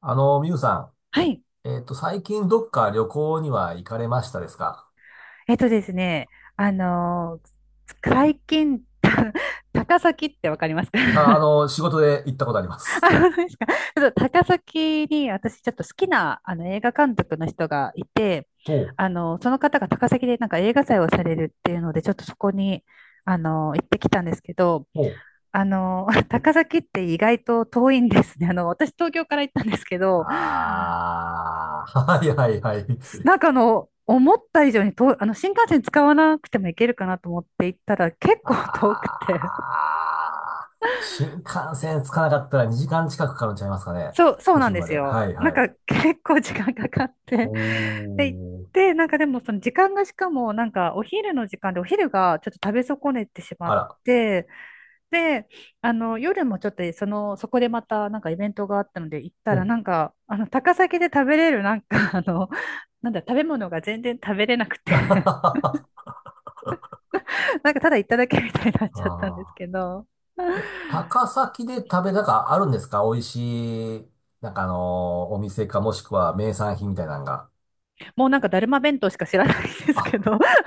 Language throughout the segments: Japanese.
みゆさはい。ん、最近どっか旅行には行かれましたですか？えっとですね、あのー最近、高崎ってわかりますか？ あ、あの、仕事で行ったことあります。あ、本当ですか。ちょっと高崎に私ちょっと好きな映画監督の人がいて、ほう。その方が高崎でなんか映画祭をされるっていうので、ちょっとそこに、行ってきたんですけど、ほう。高崎って意外と遠いんですね。あの、私東京から行ったんですけど、ああ、はいはいはい。思った以上にと、あの、新幹線使わなくても行けるかなと思って行ったら結あ構遠くて。あ、新幹線着かなかったら2時間近くかかるんちゃいますかね。そう都なん心でますで。よ。はいなんはい。か結構時間かかっおて。で、行っー。て、なんかでもその時間がしかもなんかお昼の時間でお昼がちょっと食べ損ねてしまあっら。て、で、あの、夜もちょっとその、そこでまたなんかイベントがあったので行ったほらう。なんか、高崎で食べれるなんかあの、なんだ、食べ物が全然食べれなくて あなんかただ行っただけみたいになっちゃったんですあ。けど、え、高崎で食べ、なんかあるんですか、美味しい、お店かもしくは名産品みたいなのが。もうなんかだるま弁当しか知らないんですあ、けど、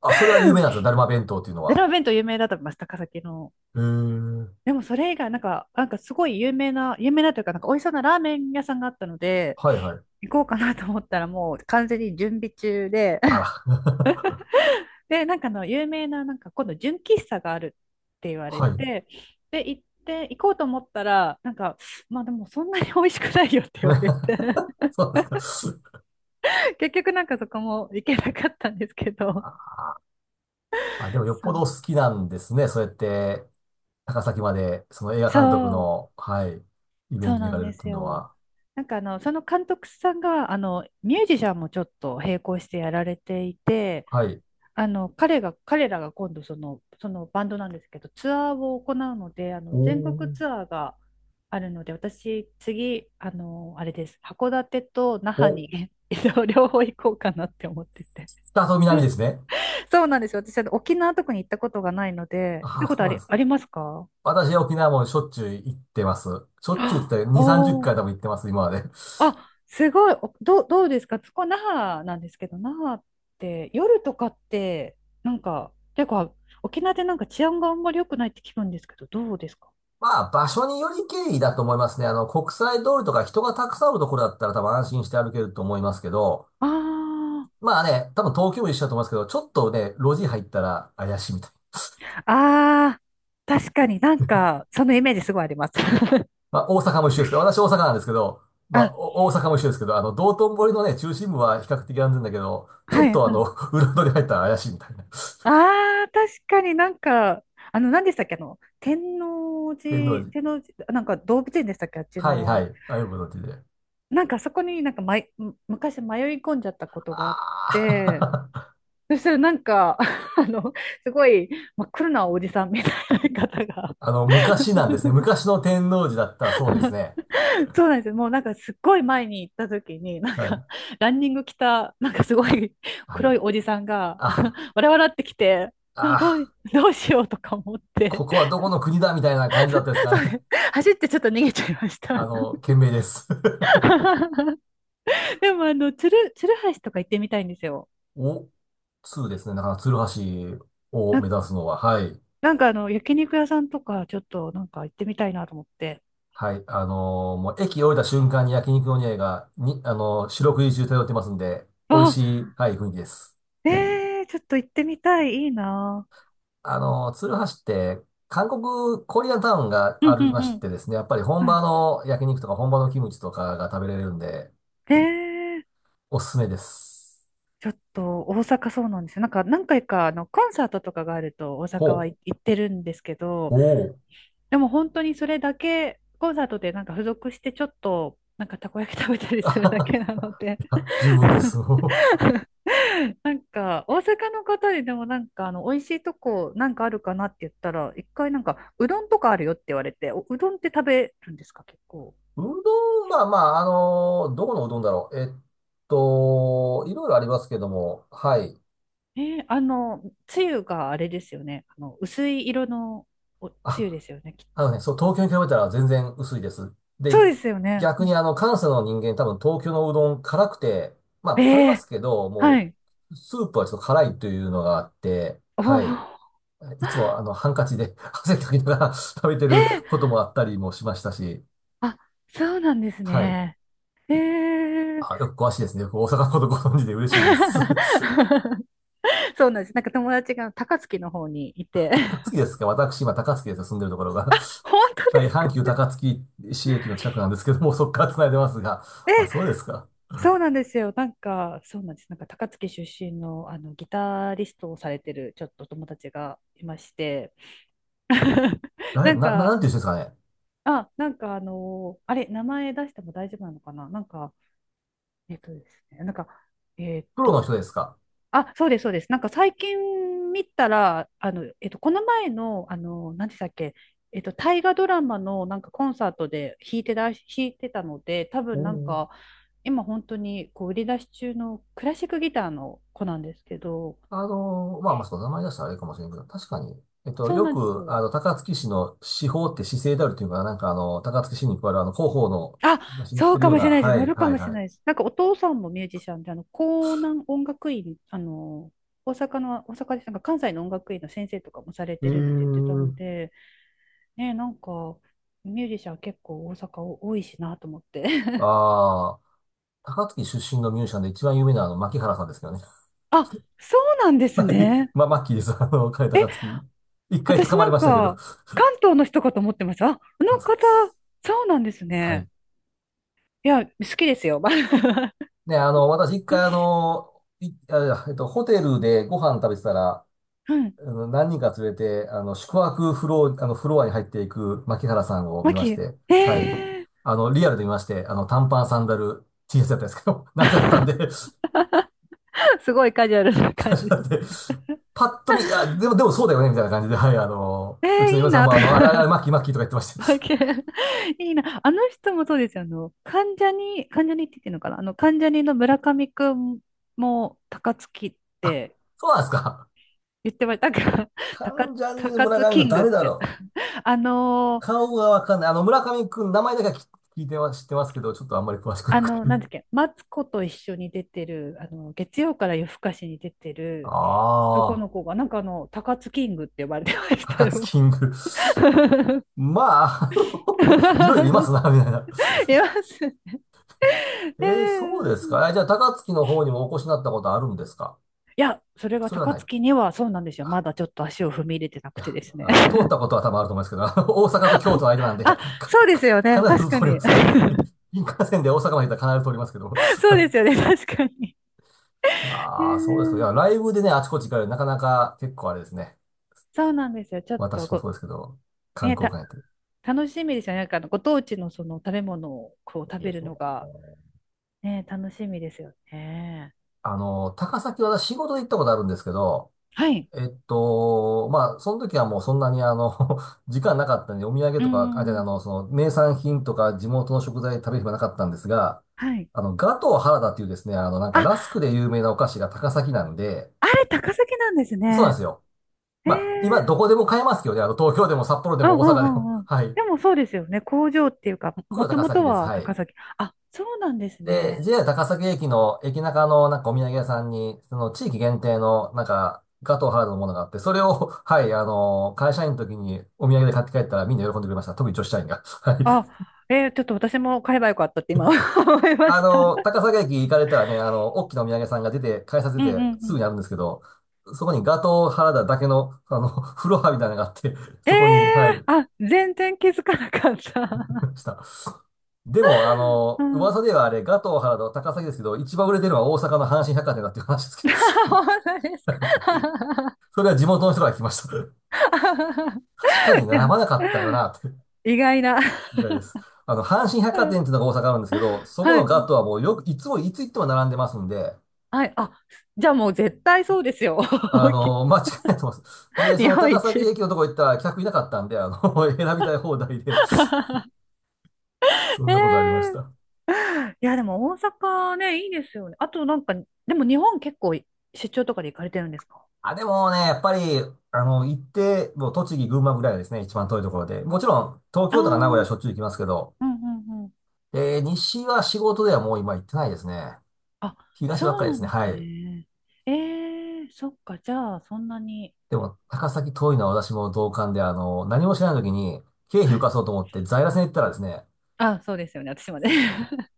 あ、それは有名なんですね。だるま弁当っていうのだるは。ま弁当有名だと思います、高崎の。へえ。でもそれ以外、なんかすごい有名な、有名なというか、なんか美味しそうなラーメン屋さんがあったので、はいはい。行こうかなと思ったらもう完全に準備中で、あ ら。で、なんかあの有名な、なんか今度純喫茶があるって言 われはい。て、で、行って、行こうと思ったら、なんか、まあでもそんなに美味しくないよって言われて、そうですか。結局なんかそこも行けなかったんですけど、あ、あ、でもよっそぽどおう好きなんですね。そうやって、高崎まで、その映画監督そう、の、はい、イベンそうトに行なかんれるっでていすうのよ。は。なんかあの、その監督さんが、ミュージシャンもちょっと並行してやられていて、はい。彼らが今度その、そのバンドなんですけど、ツアーを行うので、あおの、全国ー。ツアーがあるので、私、次、あの、あれです、函館と那覇お、に 両方行こうかなって思ってて。北と南ですね。そうなんですよ。私、あの沖縄とかに行ったことがないので、あ行ったあ、ことそうあなんり、ですありか。ますか？私、沖縄もしょっちゅう行ってます。しょっちゅうっあ、て言ったら2、30お、回多分行ってます、今まで。あ、すごい。おどう、どうですかそこ、那覇なんですけど、那覇って夜とかって、なんか、結構、沖縄でなんか治安があんまり良くないって聞くんですけど、どうですか？まあ、場所により経緯だと思いますね。あの、国際通りとか人がたくさんあるところだったら多分安心して歩けると思いますけど、あまあね、多分東京も一緒だと思いますけど、ちょっとね、路地入ったら怪しいみたい。あ、ああ、確かになんか、そのイメージすごいあります。まあ、大阪も一緒ですけど、私大阪なんですけど、まあ、あ、お大阪も一緒ですけど、あの、道頓堀のね、中心部は比較的安全だけど、ちょはっい、とあはの、い。裏通り入ったら怪しいみたいな。ああ、確かになんか、あの、何でしたっけ、あの、天王天王寺、天寺。王寺、なんか動物園でしたっけ、あっちはいはの、い。ああいうことで。なんかそこになんか、まい、む昔迷い込んじゃったことがあっあて、あ。そしたらなんか、あの、すごい真っ黒なおじさんみたいな方が あの、昔なんですね。昔の天王寺だったらそうですね。そうなんですよ。もうなんかすっごい前に行った時に、なんはかい。ランニング着た、なんかすごいは黒い。いおじさんが、あ、わらわらってきて、あ、あ、どう、どうしようとか思って、ここはどこの国だみたいな感じだったですそかうね。ね走ってちょっと逃げちゃいまし あた。の、懸命です。でもあの、鶴橋とか行ってみたいんですよ。お、通ですね。だから、鶴橋をな目ん指すのは、はい。なんかあの、焼肉屋さんとかちょっとなんか行ってみたいなと思って。はい。もう駅降りた瞬間に焼肉の匂いが、に、四六時中漂ってますんで、美味あ、しい、はい、雰囲気です。えー、ちょっと行ってみたい。いいな。鶴橋って、韓国コリアンタウンがうあんうりんましうん。てですね、やっぱり本は場い。の焼肉とか本場のキムチとかが食べれるんで、えー、おすすめです。ちょっと大阪そうなんですよ。なんか何回かあのコンサートとかがあると大ほ阪はう。行ってるんですけど、お。お。でも本当にそれだけ、コンサートでなんか付属してちょっとなんかたこ焼き食べたりあするはだけは。なので。 いや十分です。うなんか大阪の方ででもなんかあの美味しいとこなんかあるかなって言ったら一回なんかうどんとかあるよって言われて、おうどんって食べるんですか結構？どん、どこのうどんだろう。いろいろありますけども、はい。えーあの、つゆがあれですよね。あの、薄い色のおつゆあ、ですよね、きっあのと。ね、そう、東京に比べたら全然薄いです。で、そうですよね。う逆にん、あの、関西の人間多分東京のうどん辛くて、まあ食べまえー、すけど、はもい。う、スープはちょっと辛いというのがあって、おはい。ー。 いつも あの、ハンカチで 汗かきながら食べてえるー、こともあったりもしましたし、あ、そうなんですはい。ね。ええ。 あ、よく詳しいですね。よく大阪のことご存知で嬉しいです。そうなんです。なんか友達が高槻の方にいて。高 槻ですか。私、今高槻ですよ。住んでるところが。本当 はでい、すか？阪急高槻市駅の近くなんですけども、そこから繋いでますが。あ、そうですか。そうなんですよ。なんか、そうなんです。なんか高槻出身の、あのギタリストをされてるちょっと友達がいまして、誰、なな、んななか、んていう人ですかね。あ、なんかあのーあれ、名前出しても大丈夫なのかななんか、えっとですね、なんか、えっプロの人と、ですか？あ、そうです、そうです。なんか最近見たら、あの、えっと、この前の、あの何でしたっけ、えっと、大河ドラマのなんかコンサートで弾いてたので、多お分なんー。か、今本当にこう売り出し中のクラシックギターの子なんですけど、まあ、そう、名前出したらあれかもしれんけど、確かに、そうよなんですく、あよ。の、高槻市の市法って市政であるというか、なんかあの、高槻市に加わるあの、広報のあ、雑誌に載っそてうるかようもしな、れないです。は乗い、るかはい、もしれはないでい。す。なんかお父さんもミュージシャンで、あの、江南音楽院、大阪の、大阪です。なんか関西の音楽院の先生とかもされえてるって言ってたー、ので、ね、なんか、ミュージシャン結構大阪多いしなと思って。ああ。高槻出身のミュージシャンで一番有名なあの、牧原さんですけどね。あ、そうなんではすい。ね。まあ、マッキーです。あの、彼高槻。一回捕私まなりんましたけど、か、関東の人かと思ってました。あ、あ関の西方、です。そうなんですはい。ね。いや、好きですよ。ね、あの、私一回あの、い、あ、えっと、ホテルでご飯食べてたら、うん。あの何人か連れて、あの、宿泊フロア、あの、フロアに入っていく牧原さん を見マましキ、て、はい。えあの、リアルで見まして、あの、短パン、サンダル、T シャツやったんですけど、夏やったんで ー、すごいカジュアルな感じ でだってす。パッと見、あ、でも、でもそうだよね、みたいな感じで、はい、あの、えうー、ちのいい嫁さんなも、とあの、あれあれ、あれか。マッキーマッキーとか言ってま した。バケ ン いいな。あの人もそうですよ。あの、関ジャニって言ってるのかなあの、関ジャニの村上くんも、高槻ってそうなんですか。言ってました。なんか、関ジャニの高村津上キ君ングっ誰だて。ろう。あのー、顔がわかんない。あの、村上君、名前だけは聞いては知ってますけど、ちょっとあんまり詳しくなあくて。の、なんだっけ、マツコと一緒に出てる、あの、月曜から夜更かしに出てる男ああ、の子が、なんかあの、高津キングって呼ばれてました高津よ。キング。まあ、あ の、 いろいろいますな、みたいな。います。ねえー、そうですえ、か。え、じゃあ、高槻の方にもお越しになったことあるんですか？いや、それがそれは高ない。槻にはそうなんですよ。まだちょっと足を踏み入れてないくや、てですね。あの、通ったことは多分あると思うんですけど、あの大阪と京都の間なんで、あ、そうですよね。必確ずか通りまに。す。はい、 新幹線で大阪まで行ったら必ず通りますけど。そうですよね、確かに。いや うー、そうですか。いや、ん、ライブでね、あちこち行かれる、なかなか結構あれですね。そうなんですよ。ちょっと私もそご、うですけど、観ね、光た、館やってる。楽しみですよね。なんかあのご当地のその食べ物をこう食いいでべるすのね。が、ね、楽しみですよね。あの、高崎は私仕事で行ったことあるんですけど、はい。まあ、その時はもうそんなにあの、時間なかったんで、お土産うーとか、あ、じゃあ、あん。の、その、名産品とか地元の食材食べる暇なかったんですが、はい。あの、ガトー原田っていうですね、あの、なんかラスクあ、で有名なお菓子が高崎なんで、あれ高崎なんですそうなんでね。すよ。えまあ、今え、どこでも買えますけどね、あの、東京でも札幌でうんうも大ん阪うでも。んう ん。はい。でもそうですよね。工場っていうか、これもはと高も崎とです。はは高い。崎。あ、そうなんですで、ね。JR 高崎駅の駅中のなんかお土産屋さんに、その地域限定のなんかガトーハードのものがあって、それを、はい、あの、会社員の時にお土産で買って帰ったらみんな喜んでくれました。特に女子社員が。はい。あ、えーちょっと私も買えばよかったって今 思いまあした。の、高崎駅行かれたらね、あの、大きなお土産屋さんが出て、改札うん出うてんうすぐん。にあるんですけど、そこにガトーハードだけの、あの、フロアみたいなのがあって、えー、そこに、はい、いあ、全然気づかなかった。ました。でも、あうの、ん。噂ではあれ、ガトーハード高崎ですけど、一番売れてるのは大阪の阪神百貨店だっていう話です けど。本当で すはい、か？ それは地元の人から聞きました。確かに並ばなかったよな、って。意外な。意外です。あの、阪神百う貨ん、店っていうのが大阪あるんですけど、そこはのガッい。トはもうよく、いつ行っても並んでますんで、はい。あ、じゃあもう絶対そうですよ。あの間違いないと思います。で、そ日の本高一。崎駅のとこ行ったら客いなかったんで、あの 選びたい放題で、そんなことありましえた。え、いや、でも大阪ね、いいですよね。あとなんか、でも日本結構出張とかで行かれてるんですか？あ、でもね、やっぱり、あの、行って、もう栃木、群馬ぐらいですね、一番遠いところで。もちろん、東ああ京とか名古屋はしー、ょっちゅう行きますけど、うんうん、えー西は仕事ではもう今行ってないですね。あ、東ばっそかうりでなすんね。ですはい。ね。えー、そっか、じゃあ、そんなに。でも、高崎遠いのは私も同感で、あの、何も知らない時に、経費は浮い。かそうと思って在来線行ったらですね、あ、そうですよね、私まで。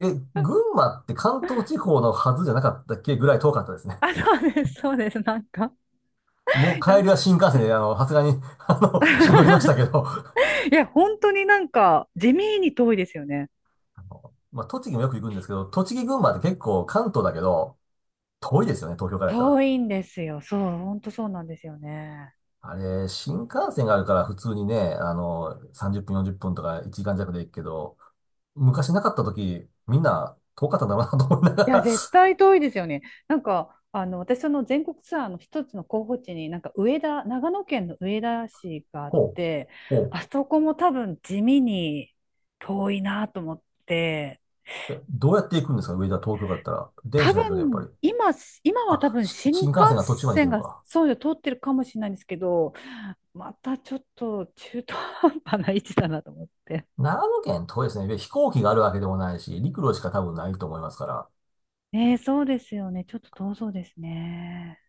え、群馬って関東地方のはずじゃなかったっけぐらい遠かったですね。あ、そうです、そうです、なんか。もういや、帰りは新幹線で、あの、さすがに、あの、し乗りました けど、いや本当になんか、地味に遠いですよね。あのまあ、栃木もよく行くんですけど、栃木群馬って結構関東だけど、遠いですよね、東京からやったら。遠いんですよ、そう、本当そうなんですよね。あれ、新幹線があるから普通にね、あの、30分、40分とか1時間弱で行くけど、昔なかった時、みんな遠かったんだろうなと思いながいや、ら。絶対遠いですよね。なんか、あの、私、その全国ツアーの一つの候補地に、なんか、上田、長野県の上田市があっほて、う。ほう。あそこも多分地味に遠いなと思って。え、どうやって行くんですか、上田、東京だったら。電多車ですよね、やっぱ分、り。今は多あ、分し新新幹幹線が途中まで行って線るのがか。そうよ、通ってるかもしれないんですけど、またちょっと中途半端な位置だなと思って。長野県遠いですね。で飛行機があるわけでもないし、陸路しか多分ないと思いますから。ねえ、そうですよね。ちょっと遠そうですね。